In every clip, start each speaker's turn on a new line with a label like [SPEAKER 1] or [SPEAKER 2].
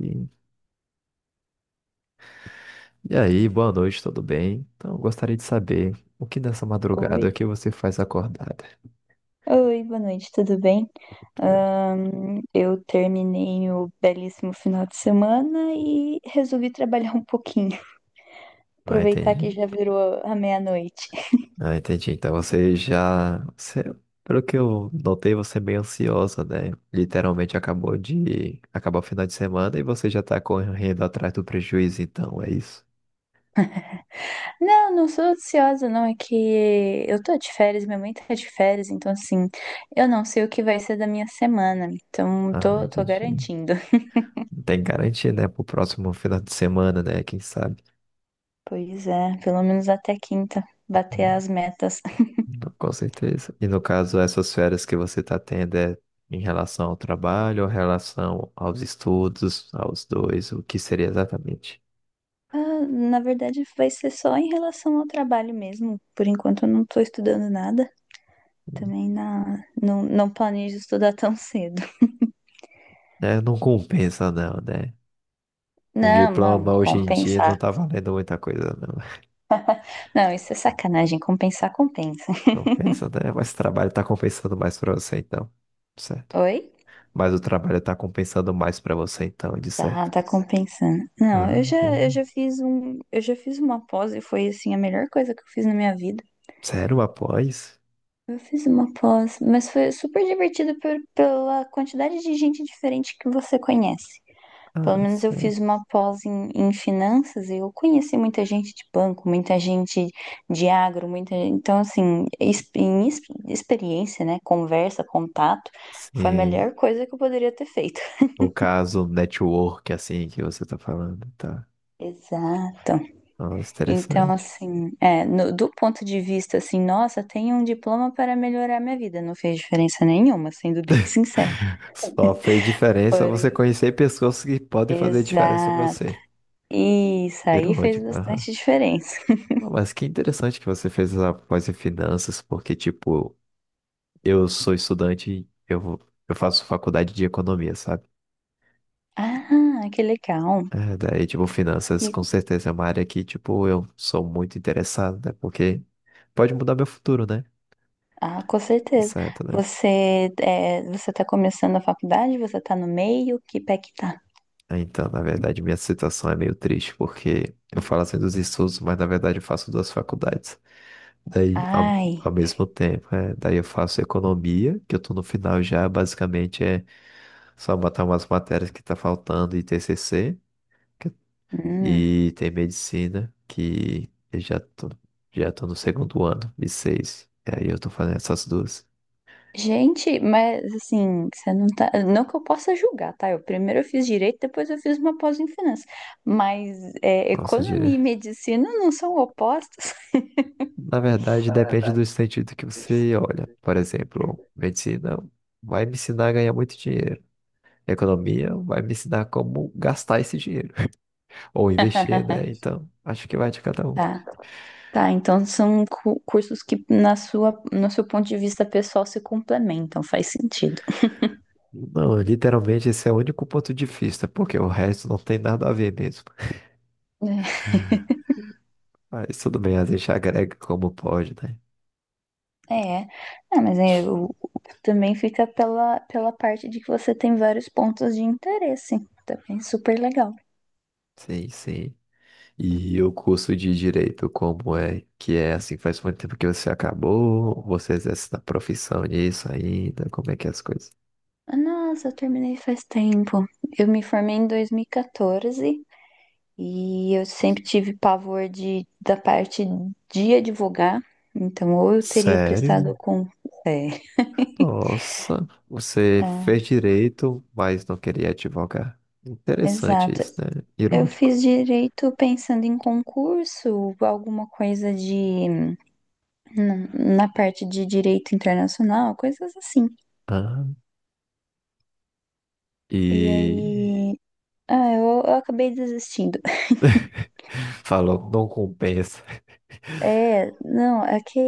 [SPEAKER 1] E e aí, boa noite, tudo bem? Então, eu gostaria de saber o que nessa
[SPEAKER 2] Oi,
[SPEAKER 1] madrugada é que você faz acordada?
[SPEAKER 2] oi, boa noite, tudo bem?
[SPEAKER 1] Tudo.
[SPEAKER 2] Eu terminei o belíssimo final de semana e resolvi trabalhar um pouquinho,
[SPEAKER 1] Ah,
[SPEAKER 2] aproveitar
[SPEAKER 1] entendi.
[SPEAKER 2] que já virou a meia-noite.
[SPEAKER 1] Ah, entendi. Então você já. você- pelo que eu notei, você é meio ansiosa, né? Literalmente acabou de. Acabou o final de semana e você já tá correndo atrás do prejuízo, então, é isso?
[SPEAKER 2] Não, não sou ansiosa, não, é que eu tô de férias, minha mãe tá de férias, então assim, eu não sei o que vai ser da minha semana, então
[SPEAKER 1] Ah,
[SPEAKER 2] tô
[SPEAKER 1] entendi.
[SPEAKER 2] garantindo.
[SPEAKER 1] Não tem garantia, né? Pro próximo final de semana, né? Quem sabe?
[SPEAKER 2] Pois é, pelo menos até quinta, bater as metas.
[SPEAKER 1] Com certeza. E no caso, essas férias que você está tendo é em relação ao trabalho, ou em relação aos estudos, aos dois, o que seria exatamente?
[SPEAKER 2] Ah, na verdade, vai ser só em relação ao trabalho mesmo. Por enquanto, eu não estou estudando nada. Também não, não planejo estudar tão cedo.
[SPEAKER 1] É, não compensa não, né? Um
[SPEAKER 2] Não, não,
[SPEAKER 1] diploma hoje em dia não
[SPEAKER 2] compensar.
[SPEAKER 1] tá valendo muita coisa, não.
[SPEAKER 2] Não, isso é sacanagem. Compensar, compensa.
[SPEAKER 1] Compensa, né? Mas o trabalho tá compensando mais pra você, então. Certo.
[SPEAKER 2] Oi?
[SPEAKER 1] Mas o trabalho tá compensando mais pra você, então, de
[SPEAKER 2] Tá,
[SPEAKER 1] certo.
[SPEAKER 2] tá compensando. Não,
[SPEAKER 1] Ah,
[SPEAKER 2] eu já, eu
[SPEAKER 1] hum.
[SPEAKER 2] já fiz um, eu já fiz uma pós e foi assim a melhor coisa que eu fiz na minha vida.
[SPEAKER 1] Sério, após?
[SPEAKER 2] Eu fiz uma pós, mas foi super divertido pela quantidade de gente diferente que você conhece. Pelo
[SPEAKER 1] Ah,
[SPEAKER 2] menos eu
[SPEAKER 1] sério.
[SPEAKER 2] fiz uma pós em finanças e eu conheci muita gente de banco, muita gente de agro, muita, então assim, experiência, né, conversa, contato, foi a
[SPEAKER 1] Sim.
[SPEAKER 2] melhor coisa que eu poderia ter feito.
[SPEAKER 1] O caso network, assim, que você tá falando, tá?
[SPEAKER 2] Exato.
[SPEAKER 1] Nossa,
[SPEAKER 2] Então
[SPEAKER 1] interessante.
[SPEAKER 2] assim, é, do ponto de vista assim, nossa, tenho um diploma para melhorar minha vida, não fez diferença nenhuma, sendo bem sincero.
[SPEAKER 1] Só fez diferença você
[SPEAKER 2] Porém,
[SPEAKER 1] conhecer pessoas que podem fazer diferença pra
[SPEAKER 2] exato.
[SPEAKER 1] você.
[SPEAKER 2] Isso aí fez
[SPEAKER 1] Irônico. Aham.
[SPEAKER 2] bastante diferença.
[SPEAKER 1] Ah, mas que interessante que você fez essa pós em finanças, porque, tipo, eu sou estudante, eu faço faculdade de economia, sabe?
[SPEAKER 2] Ah, que legal.
[SPEAKER 1] É, daí, tipo, finanças com
[SPEAKER 2] E
[SPEAKER 1] certeza é uma área que, tipo, eu sou muito interessado, né? Porque pode mudar meu futuro, né?
[SPEAKER 2] ah, com certeza.
[SPEAKER 1] Certo, né?
[SPEAKER 2] Você está começando a faculdade? Você está no meio? Que pé que tá?
[SPEAKER 1] Ah, então, na verdade, minha situação é meio triste, porque eu falo assim dos estudos, mas na verdade eu faço duas faculdades. Daí, ao,
[SPEAKER 2] Ai,
[SPEAKER 1] ao mesmo tempo, é, daí eu faço economia, que eu tô no final já, basicamente é só botar umas matérias que tá faltando e TCC, que-
[SPEAKER 2] hum.
[SPEAKER 1] e tem medicina, que eu já tô no segundo ano, e seis. E aí eu tô fazendo essas duas.
[SPEAKER 2] Gente, mas assim, você não tá. Não que eu possa julgar, tá? Eu primeiro eu fiz direito, depois eu fiz uma pós em finanças. Mas é,
[SPEAKER 1] Nossa,
[SPEAKER 2] economia e
[SPEAKER 1] dire...
[SPEAKER 2] medicina não são opostos.
[SPEAKER 1] Na verdade, depende do sentido que você olha. Por exemplo, medicina vai me ensinar a ganhar muito dinheiro. Economia vai me ensinar como gastar esse dinheiro. Ou investir, né? Então, acho que vai de cada um.
[SPEAKER 2] Tá, tá. Então são cursos que no seu ponto de vista pessoal se complementam, faz sentido.
[SPEAKER 1] Não, literalmente esse é o único ponto de vista, porque o resto não tem nada a ver mesmo. Mas tudo bem, a gente agrega como pode, né?
[SPEAKER 2] É, não, mas eu, também fica pela parte de que você tem vários pontos de interesse. Também super legal.
[SPEAKER 1] Sim, sim. E o curso de direito, como é que é assim? Faz muito tempo que você acabou? Você exerce na profissão nisso ainda? Como é que é as coisas?
[SPEAKER 2] Ah, nossa, eu terminei faz tempo. Eu me formei em 2014 e quatorze e eu sempre tive pavor da parte de advogar. Então, ou eu teria prestado
[SPEAKER 1] Sério?
[SPEAKER 2] com. É,
[SPEAKER 1] Nossa, você fez
[SPEAKER 2] é,
[SPEAKER 1] direito, mas não queria advogar. Interessante
[SPEAKER 2] exato.
[SPEAKER 1] isso, né?
[SPEAKER 2] Eu
[SPEAKER 1] Irônico.
[SPEAKER 2] fiz direito pensando em concurso, alguma coisa de. Não, na parte de direito internacional, coisas assim.
[SPEAKER 1] Ah,
[SPEAKER 2] E
[SPEAKER 1] e
[SPEAKER 2] aí. Ah, eu acabei desistindo.
[SPEAKER 1] falou, não compensa.
[SPEAKER 2] É, não, é que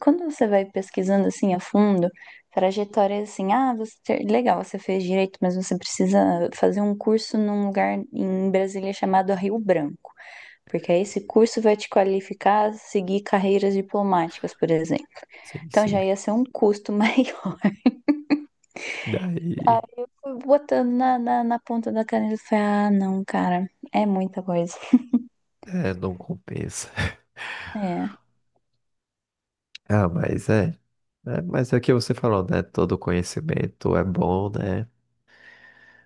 [SPEAKER 2] quando você vai pesquisando assim a fundo, trajetória assim, você legal, você fez direito, mas você precisa fazer um curso num lugar em Brasília chamado Rio Branco, porque aí esse curso vai te qualificar a seguir carreiras diplomáticas, por exemplo.
[SPEAKER 1] Sim,
[SPEAKER 2] Então
[SPEAKER 1] sim.
[SPEAKER 2] já ia ser um custo maior. Aí
[SPEAKER 1] Daí,
[SPEAKER 2] eu fui botando na ponta da caneta e falei, ah, não, cara, é muita coisa.
[SPEAKER 1] é, não compensa.
[SPEAKER 2] É,
[SPEAKER 1] Ah, mas é, é. Mas é o que você falou, né? Todo conhecimento é bom, né?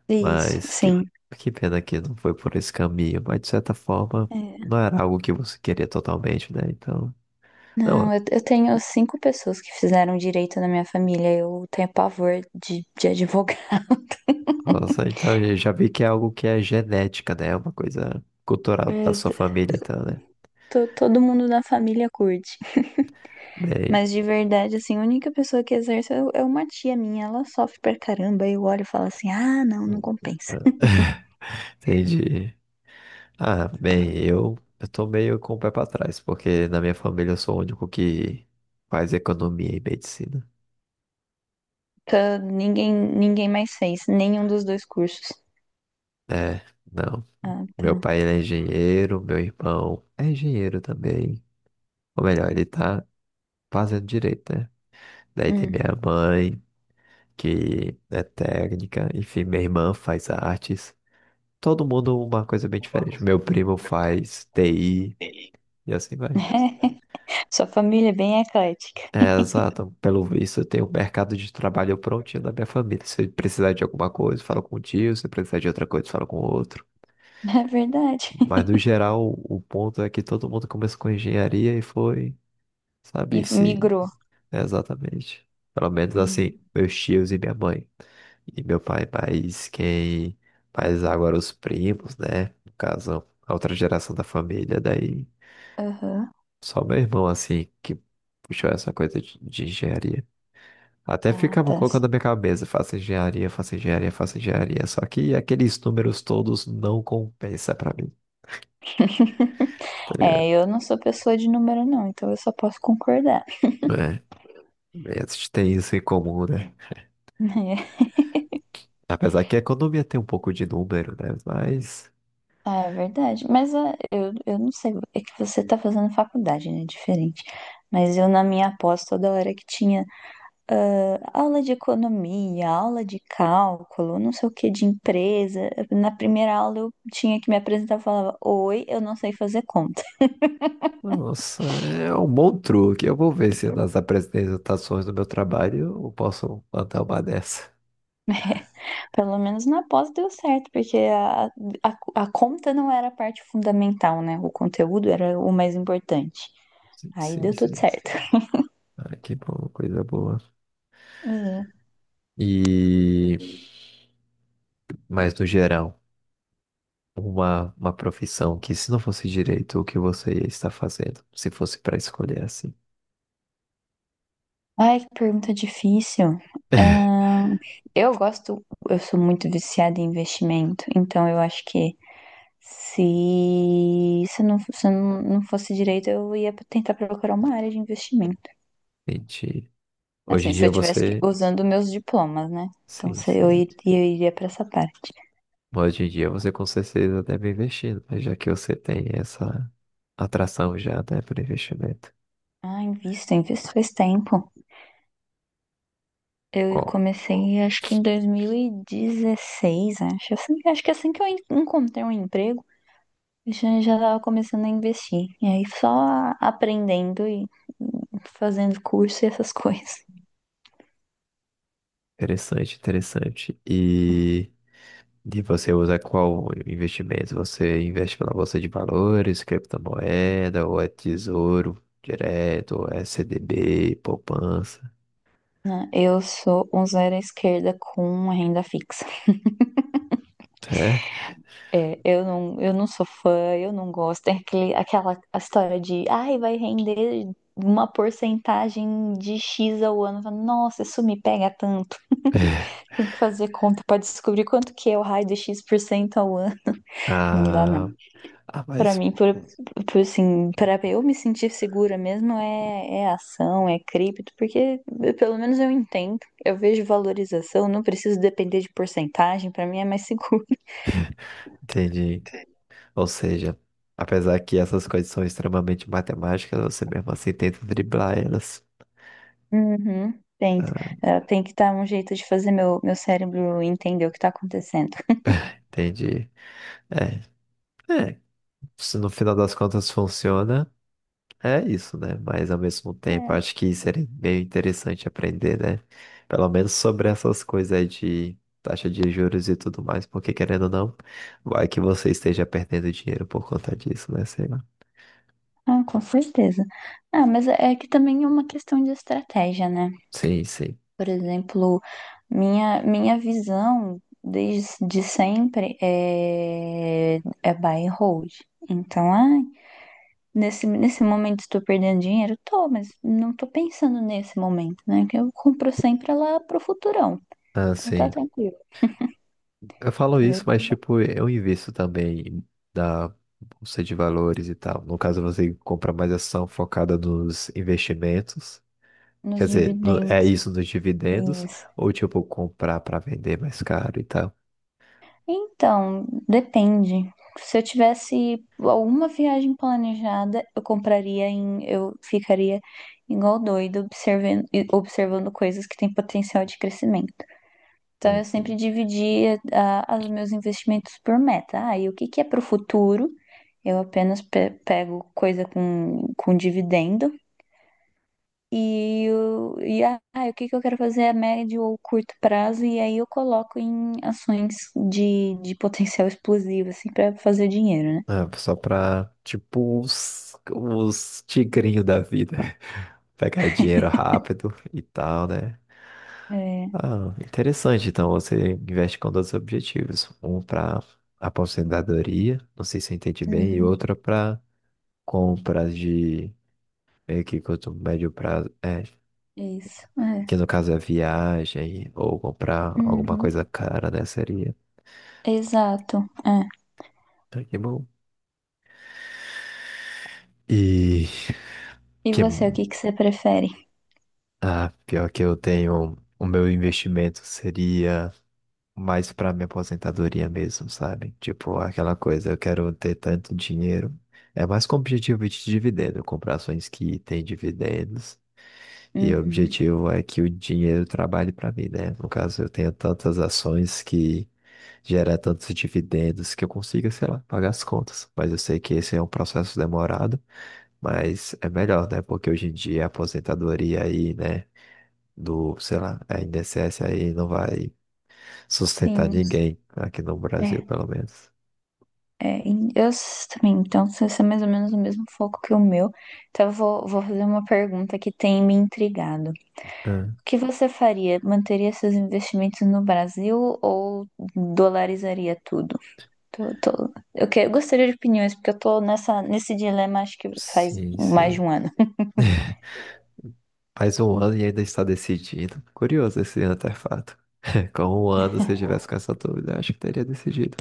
[SPEAKER 2] isso,
[SPEAKER 1] Mas que,
[SPEAKER 2] sim.
[SPEAKER 1] que pena que não foi por esse caminho. Mas de certa forma,
[SPEAKER 2] É.
[SPEAKER 1] não era algo que você queria totalmente, né? Então,
[SPEAKER 2] Não,
[SPEAKER 1] não,
[SPEAKER 2] eu tenho cinco pessoas que fizeram direito na minha família. Eu tenho pavor de advogado.
[SPEAKER 1] nossa, então eu já vi que é algo que é genética, né? É uma coisa cultural da
[SPEAKER 2] É,
[SPEAKER 1] sua família, então, né?
[SPEAKER 2] todo mundo da família curte.
[SPEAKER 1] Bem,
[SPEAKER 2] Mas de verdade, assim, a única pessoa que exerce é uma tia minha. Ela sofre pra caramba. Eu olho e falo assim, ah, não, não
[SPEAKER 1] hum,
[SPEAKER 2] compensa.
[SPEAKER 1] hum, entendi. Ah, bem, eu tô meio com o pé pra trás, porque na minha família eu sou o único que faz economia e medicina.
[SPEAKER 2] Tá, ninguém mais fez, nenhum dos dois cursos.
[SPEAKER 1] É, não.
[SPEAKER 2] Ah,
[SPEAKER 1] Meu
[SPEAKER 2] tá.
[SPEAKER 1] pai, ele é engenheiro, meu irmão é engenheiro também. Ou melhor, ele tá fazendo direito, né? Daí tem
[SPEAKER 2] Hum.
[SPEAKER 1] minha mãe, que é técnica, enfim, minha irmã faz artes. Todo mundo uma coisa bem diferente. Meu primo faz TI e assim vai.
[SPEAKER 2] Sua família é bem eclética.
[SPEAKER 1] É, exato. Pelo visto, eu tenho o mercado de trabalho prontinho da minha família. Se precisar de alguma coisa, falo com o tio. Se precisar de outra coisa, falo com o outro.
[SPEAKER 2] É verdade.
[SPEAKER 1] Mas, no geral, o ponto é que todo mundo começou com engenharia e foi,
[SPEAKER 2] E
[SPEAKER 1] sabe, sim,
[SPEAKER 2] migrou.
[SPEAKER 1] exatamente. Pelo menos, assim,
[SPEAKER 2] Hum,
[SPEAKER 1] meus tios e minha mãe. E meu pai, mas quem faz agora os primos, né? No caso, a outra geração da família. Daí,
[SPEAKER 2] Aham.
[SPEAKER 1] só meu irmão, assim, que puxou essa coisa de engenharia. Até
[SPEAKER 2] Ah,
[SPEAKER 1] ficava
[SPEAKER 2] tá.
[SPEAKER 1] colocando na minha cabeça, faça engenharia, faça engenharia, faça engenharia. Só que aqueles números todos não compensa pra mim, tá
[SPEAKER 2] É,
[SPEAKER 1] ligado?
[SPEAKER 2] eu não sou pessoa de número, não, então eu só posso concordar.
[SPEAKER 1] É, a gente tem isso em comum, né? Apesar que a economia tem um pouco de número, né? Mas,
[SPEAKER 2] Ah, é verdade. Mas eu não sei, é que você tá fazendo faculdade, né? Diferente. Mas eu, na minha pós, toda hora que tinha aula de economia, aula de cálculo, não sei o que, de empresa. Na primeira aula eu tinha que me apresentar e falava: "Oi, eu não sei fazer conta."
[SPEAKER 1] nossa, é um bom truque. Eu vou ver se nas apresentações do meu trabalho eu posso plantar uma dessa.
[SPEAKER 2] Pelo menos na pós deu certo, porque a conta não era a parte fundamental, né? O conteúdo era o mais importante.
[SPEAKER 1] Sim,
[SPEAKER 2] Aí
[SPEAKER 1] sim,
[SPEAKER 2] deu tudo
[SPEAKER 1] sim.
[SPEAKER 2] certo.
[SPEAKER 1] Ah, que bom, coisa boa.
[SPEAKER 2] É.
[SPEAKER 1] E... Mas no geral. Uma profissão que, se não fosse direito, o que você ia estar fazendo? Se fosse para escolher assim.
[SPEAKER 2] Ai, que pergunta difícil. Ahn, eu gosto, eu sou muito viciada em investimento, então eu acho que se não fosse direito, eu ia tentar procurar uma área de investimento.
[SPEAKER 1] Entendi. Hoje
[SPEAKER 2] Assim,
[SPEAKER 1] em
[SPEAKER 2] se
[SPEAKER 1] dia
[SPEAKER 2] eu tivesse
[SPEAKER 1] você.
[SPEAKER 2] usando meus diplomas, né? Então
[SPEAKER 1] Sim,
[SPEAKER 2] se eu
[SPEAKER 1] sim.
[SPEAKER 2] iria, eu iria para essa parte.
[SPEAKER 1] Hoje em dia você com certeza deve investir, né? Já que você tem essa atração já, né, para investimento.
[SPEAKER 2] Ah, invisto faz tempo. Eu
[SPEAKER 1] Qual?
[SPEAKER 2] comecei, acho que em 2016, acho. É. Assim, acho que é assim que eu encontrei um emprego, eu já estava começando a investir. E aí só aprendendo e fazendo curso e essas coisas.
[SPEAKER 1] Interessante, interessante. E você usa qual investimento? Você investe pela bolsa de valores, criptomoeda, ou é tesouro direto, ou é CDB, poupança?
[SPEAKER 2] Né? Eu sou um zero à esquerda com uma renda fixa.
[SPEAKER 1] É?
[SPEAKER 2] É, eu não sou fã, eu não gosto. Tem aquela a história de, ai, vai render uma porcentagem de X ao ano. Eu falo, "Nossa, isso me pega tanto." Tem que fazer conta pra descobrir quanto que é o raio de X% ao ano. Não dá, não.
[SPEAKER 1] Ah, ah,
[SPEAKER 2] Pra
[SPEAKER 1] mas
[SPEAKER 2] mim, assim, pra eu me sentir segura mesmo é, ação, é cripto, porque pelo menos eu entendo. Eu vejo valorização, não preciso depender de porcentagem, pra mim é mais seguro.
[SPEAKER 1] entendi. Ou seja, apesar que essas coisas são extremamente matemáticas, você mesmo assim tenta driblar elas.
[SPEAKER 2] Uhum. Tem,
[SPEAKER 1] Ah,
[SPEAKER 2] tem que dar um jeito de fazer meu cérebro entender o que tá acontecendo.
[SPEAKER 1] entendi. É, é. Se no final das contas funciona, é isso, né? Mas ao mesmo tempo,
[SPEAKER 2] É,
[SPEAKER 1] acho que seria meio interessante aprender, né? Pelo menos sobre essas coisas aí de taxa de juros e tudo mais, porque querendo ou não, vai que você esteja perdendo dinheiro por conta disso, né? Sei lá.
[SPEAKER 2] ah, com certeza. Ah, mas é que também é uma questão de estratégia, né?
[SPEAKER 1] Sim, sim.
[SPEAKER 2] Por exemplo, minha visão desde sempre é buy and hold. Então, ai, nesse momento estou perdendo dinheiro? Tô, mas não estou pensando nesse momento, né? Que eu compro sempre lá pro futurão.
[SPEAKER 1] Ah,
[SPEAKER 2] Então tá
[SPEAKER 1] sim.
[SPEAKER 2] tranquilo.
[SPEAKER 1] Eu falo
[SPEAKER 2] Tá? Eu
[SPEAKER 1] isso, mas tipo, eu invisto também na bolsa de valores e tal. No caso, você compra mais ação focada nos investimentos.
[SPEAKER 2] nos
[SPEAKER 1] Quer dizer, é
[SPEAKER 2] dividendos.
[SPEAKER 1] isso nos dividendos,
[SPEAKER 2] Isso.
[SPEAKER 1] ou tipo, comprar para vender mais caro e tal.
[SPEAKER 2] Então, depende. Se eu tivesse alguma viagem planejada, eu compraria eu ficaria igual doido observando, coisas que têm potencial de crescimento. Então, eu sempre
[SPEAKER 1] Uhum.
[SPEAKER 2] dividia os meus investimentos por meta. Ah, e o que que é para o futuro? Eu apenas pego coisa com dividendo. E o que que eu quero fazer a médio ou curto prazo, e aí eu coloco em ações de potencial explosivo, assim, pra fazer dinheiro, né?
[SPEAKER 1] Ah, só pra, tipo, os tigrinhos da vida. Pegar dinheiro rápido e tal, né?
[SPEAKER 2] É,
[SPEAKER 1] Ah, interessante. Então você investe com dois objetivos. Um para aposentadoria, não sei se eu entendi bem, e
[SPEAKER 2] uhum,
[SPEAKER 1] outro para compras de meio que curto, médio prazo, é,
[SPEAKER 2] é isso,
[SPEAKER 1] que
[SPEAKER 2] é,
[SPEAKER 1] no caso é viagem ou comprar alguma
[SPEAKER 2] uhum,
[SPEAKER 1] coisa cara, né? Seria.
[SPEAKER 2] exato, é.
[SPEAKER 1] Ah, que bom. E
[SPEAKER 2] E
[SPEAKER 1] que
[SPEAKER 2] você, o que que você prefere?
[SPEAKER 1] ah, pior que eu tenho, o meu investimento seria mais pra minha aposentadoria mesmo, sabe? Tipo, aquela coisa, eu quero ter tanto dinheiro. É mais com objetivo de dividendo, comprar ações que têm dividendos. E o
[SPEAKER 2] Uhum.
[SPEAKER 1] objetivo é que o dinheiro trabalhe para mim, né? No caso, eu tenho tantas ações que gera tantos dividendos que eu consiga, sei lá, pagar as contas. Mas eu sei que esse é um processo demorado, mas é melhor, né? Porque hoje em dia a aposentadoria aí, né? Do, sei lá, a INSS aí não vai sustentar
[SPEAKER 2] Sim.
[SPEAKER 1] ninguém aqui no Brasil,
[SPEAKER 2] É,
[SPEAKER 1] pelo menos.
[SPEAKER 2] é, e eu também, então você é mais ou menos o mesmo foco que o meu. Então eu vou fazer uma pergunta que tem me intrigado. O
[SPEAKER 1] Ah,
[SPEAKER 2] que você faria? Manteria seus investimentos no Brasil ou dolarizaria tudo? Eu gostaria de opiniões, porque eu tô nesse dilema acho que faz
[SPEAKER 1] sim,
[SPEAKER 2] mais de
[SPEAKER 1] sim.
[SPEAKER 2] um ano.
[SPEAKER 1] Faz um ano e ainda está decidido. Curioso esse antefato. Com um ano, se eu tivesse com essa dúvida, eu acho que teria decidido.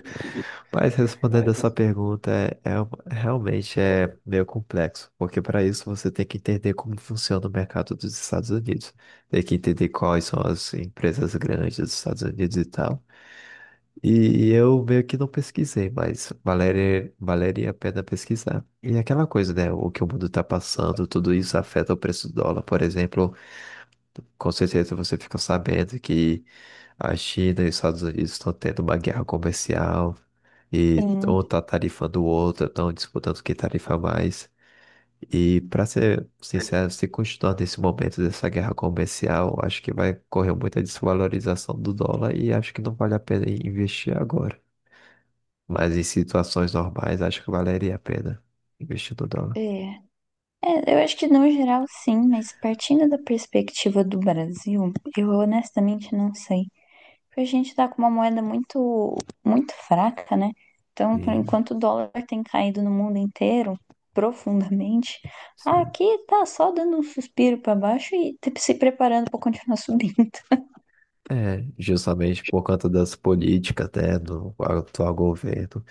[SPEAKER 1] Mas respondendo essa pergunta, realmente é meio complexo, porque para isso você tem que entender como funciona o mercado dos Estados Unidos, tem que entender quais são as empresas grandes dos Estados Unidos e tal. E eu meio que não pesquisei, mas Valéria, valeria a pena pesquisar. E é aquela coisa, né? O que o mundo tá passando, tudo isso afeta o preço do dólar. Por exemplo, com certeza você fica sabendo que a China e os Estados Unidos estão tendo uma guerra comercial e
[SPEAKER 2] Sim.
[SPEAKER 1] um tá tarifando o outro, estão disputando quem tarifa mais. E para ser sincero, se continuar nesse momento dessa guerra comercial, acho que vai correr muita desvalorização do dólar e acho que não vale a pena investir agora. Mas em situações normais, acho que valeria a pena investir no dólar.
[SPEAKER 2] É. É, eu acho que no geral sim, mas partindo da perspectiva do Brasil, eu honestamente não sei. Porque a gente tá com uma moeda muito, muito fraca, né? Então, por
[SPEAKER 1] Sim,
[SPEAKER 2] enquanto o dólar tem caído no mundo inteiro profundamente,
[SPEAKER 1] sim.
[SPEAKER 2] aqui tá só dando um suspiro para baixo e se preparando para continuar subindo.
[SPEAKER 1] É, justamente por conta das políticas, né, do atual governo.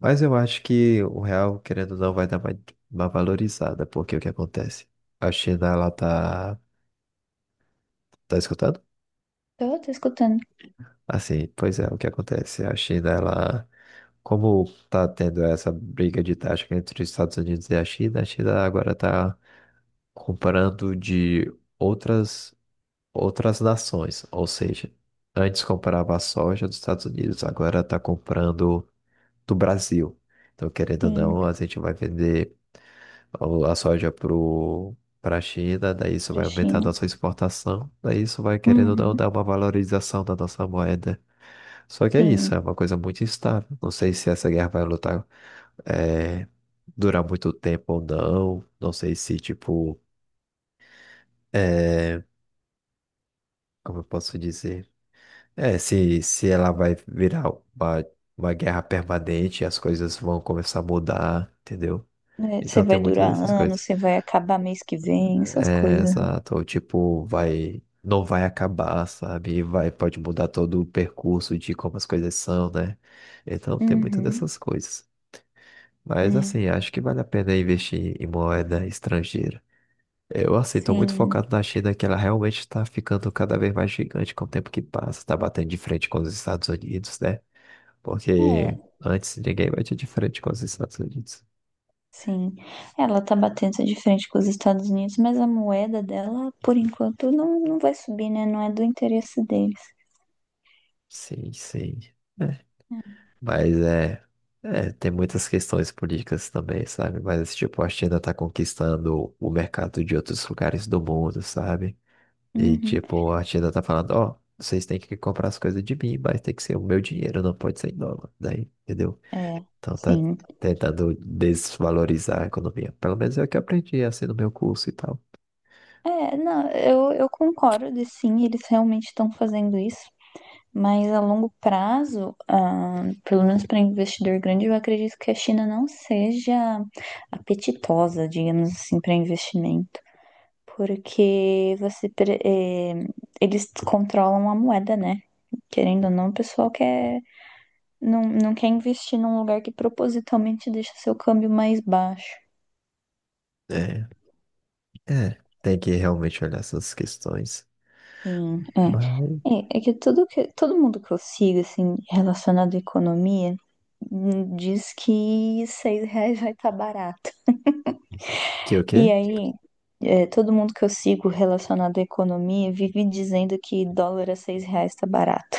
[SPEAKER 1] Mas eu acho que o real, querendo ou não, vai dar uma valorizada, porque o que acontece? A China, ela tá... Tá escutando?
[SPEAKER 2] Eu tô escutando,
[SPEAKER 1] Assim, pois é, o que acontece? A China, ela... Como tá tendo essa briga de taxa entre os Estados Unidos e a China agora tá comprando de outras outras nações. Ou seja, antes comprava a soja dos Estados Unidos, agora está comprando do Brasil. Então, querendo ou
[SPEAKER 2] sim,
[SPEAKER 1] não, a gente vai vender a soja pro, para a China, daí isso
[SPEAKER 2] pra
[SPEAKER 1] vai aumentar a
[SPEAKER 2] China.
[SPEAKER 1] nossa exportação, daí isso vai, querendo ou não, dar
[SPEAKER 2] Uhum,
[SPEAKER 1] uma valorização da nossa moeda. Só que é isso,
[SPEAKER 2] sim.
[SPEAKER 1] é uma coisa muito instável. Não sei se essa guerra vai lutar, eh, durar muito tempo ou não. Não sei se, tipo, eh, como eu posso dizer? É, se ela vai virar uma, uma guerra permanente, as coisas vão começar a mudar, entendeu?
[SPEAKER 2] É, você
[SPEAKER 1] Então
[SPEAKER 2] vai
[SPEAKER 1] tem muitas
[SPEAKER 2] durar
[SPEAKER 1] dessas coisas.
[SPEAKER 2] anos, você vai acabar mês que vem, essas
[SPEAKER 1] É,
[SPEAKER 2] coisas, né?
[SPEAKER 1] exato, ou tipo, vai, não vai acabar, sabe? Vai, pode mudar todo o percurso de como as coisas são, né? Então tem muitas
[SPEAKER 2] Uhum,
[SPEAKER 1] dessas coisas. Mas
[SPEAKER 2] é,
[SPEAKER 1] assim, acho que vale a pena investir em moeda estrangeira. Eu, assim, tô muito
[SPEAKER 2] sim.
[SPEAKER 1] focado na China, que ela realmente está ficando cada vez mais gigante com o tempo que passa, tá batendo de frente com os Estados Unidos, né? Porque
[SPEAKER 2] É,
[SPEAKER 1] antes ninguém batia de frente com os Estados Unidos.
[SPEAKER 2] sim, ela tá batendo de frente com os Estados Unidos, mas a moeda dela, por enquanto, não, não vai subir, né? Não é do interesse deles.
[SPEAKER 1] Sim, sim. É, mas é, é, tem muitas questões políticas também, sabe? Mas, tipo, a China tá conquistando o mercado de outros lugares do mundo, sabe? E,
[SPEAKER 2] Uhum.
[SPEAKER 1] tipo, a China tá falando, ó, vocês têm que comprar as coisas de mim, mas tem que ser o meu dinheiro, não pode ser em dólar, daí, entendeu?
[SPEAKER 2] É,
[SPEAKER 1] Então tá
[SPEAKER 2] sim.
[SPEAKER 1] tentando desvalorizar a economia. Pelo menos é o que eu aprendi, assim, no meu curso e tal.
[SPEAKER 2] É, não, eu concordo, sim, eles realmente estão fazendo isso, mas a longo prazo, ah, pelo menos para investidor grande, eu acredito que a China não seja apetitosa, digamos assim, para investimento. Porque eles controlam a moeda, né? Querendo ou não, o pessoal quer, não, não quer investir num lugar que propositalmente deixa seu câmbio mais baixo.
[SPEAKER 1] É, é, tem que realmente olhar essas questões.
[SPEAKER 2] Sim,
[SPEAKER 1] Mas
[SPEAKER 2] é. É, é que tudo que todo mundo que eu sigo, assim, relacionado à economia, diz que R$ 6 vai estar barato.
[SPEAKER 1] que o
[SPEAKER 2] E
[SPEAKER 1] quê?
[SPEAKER 2] aí, é, todo mundo que eu sigo relacionado à economia vive dizendo que dólar a R$ 6 está barato.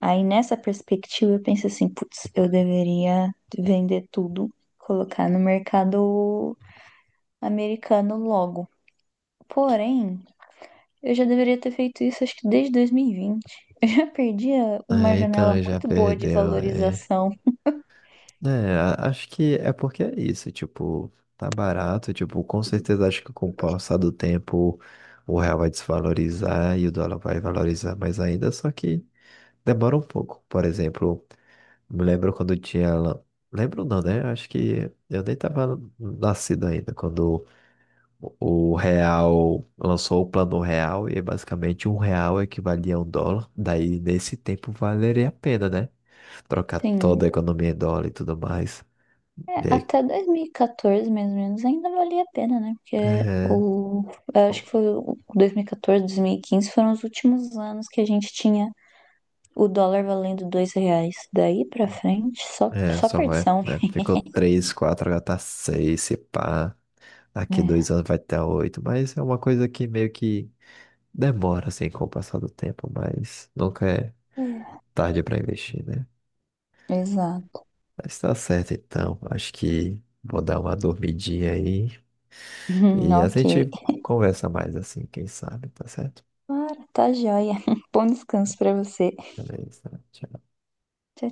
[SPEAKER 2] Aí nessa perspectiva eu penso assim, putz, eu deveria vender tudo, colocar no mercado americano logo. Porém, eu já deveria ter feito isso acho que desde 2020. Eu já perdi uma
[SPEAKER 1] É,
[SPEAKER 2] janela
[SPEAKER 1] então já
[SPEAKER 2] muito boa de
[SPEAKER 1] perdeu, é.
[SPEAKER 2] valorização.
[SPEAKER 1] É, acho que é porque é isso, tipo, tá barato, tipo, com certeza acho que com o passar do tempo o real vai desvalorizar e o dólar vai valorizar mais ainda, só que demora um pouco. Por exemplo, me lembro quando tinha, lan- lembro não, né? Acho que eu nem tava nascido ainda quando o real lançou o plano real e basicamente um real equivalia a um dólar. Daí nesse tempo valeria a pena, né? Trocar toda
[SPEAKER 2] Sim,
[SPEAKER 1] a economia em dólar e tudo mais.
[SPEAKER 2] é,
[SPEAKER 1] E aí,
[SPEAKER 2] até 2014 mais ou menos ainda valia a pena, né? Porque
[SPEAKER 1] é,
[SPEAKER 2] o eu acho que foi o 2014, 2015 foram os últimos anos que a gente tinha o dólar valendo R$ 2 daí pra frente, só,
[SPEAKER 1] é,
[SPEAKER 2] só
[SPEAKER 1] só vai,
[SPEAKER 2] perdição.
[SPEAKER 1] né? Ficou 3 4 agora tá 6 se pá. Daqui dois
[SPEAKER 2] É,
[SPEAKER 1] anos vai ter oito, mas é uma coisa que meio que demora assim com o passar do tempo, mas nunca é
[SPEAKER 2] é,
[SPEAKER 1] tarde para investir, né?
[SPEAKER 2] exato.
[SPEAKER 1] Mas tá certo então, acho que vou dar uma dormidinha aí e a gente
[SPEAKER 2] Ok.
[SPEAKER 1] conversa mais assim, quem sabe, tá certo?
[SPEAKER 2] Claro, tá joia. Bom descanso pra você.
[SPEAKER 1] Beleza, tchau.
[SPEAKER 2] Tchau,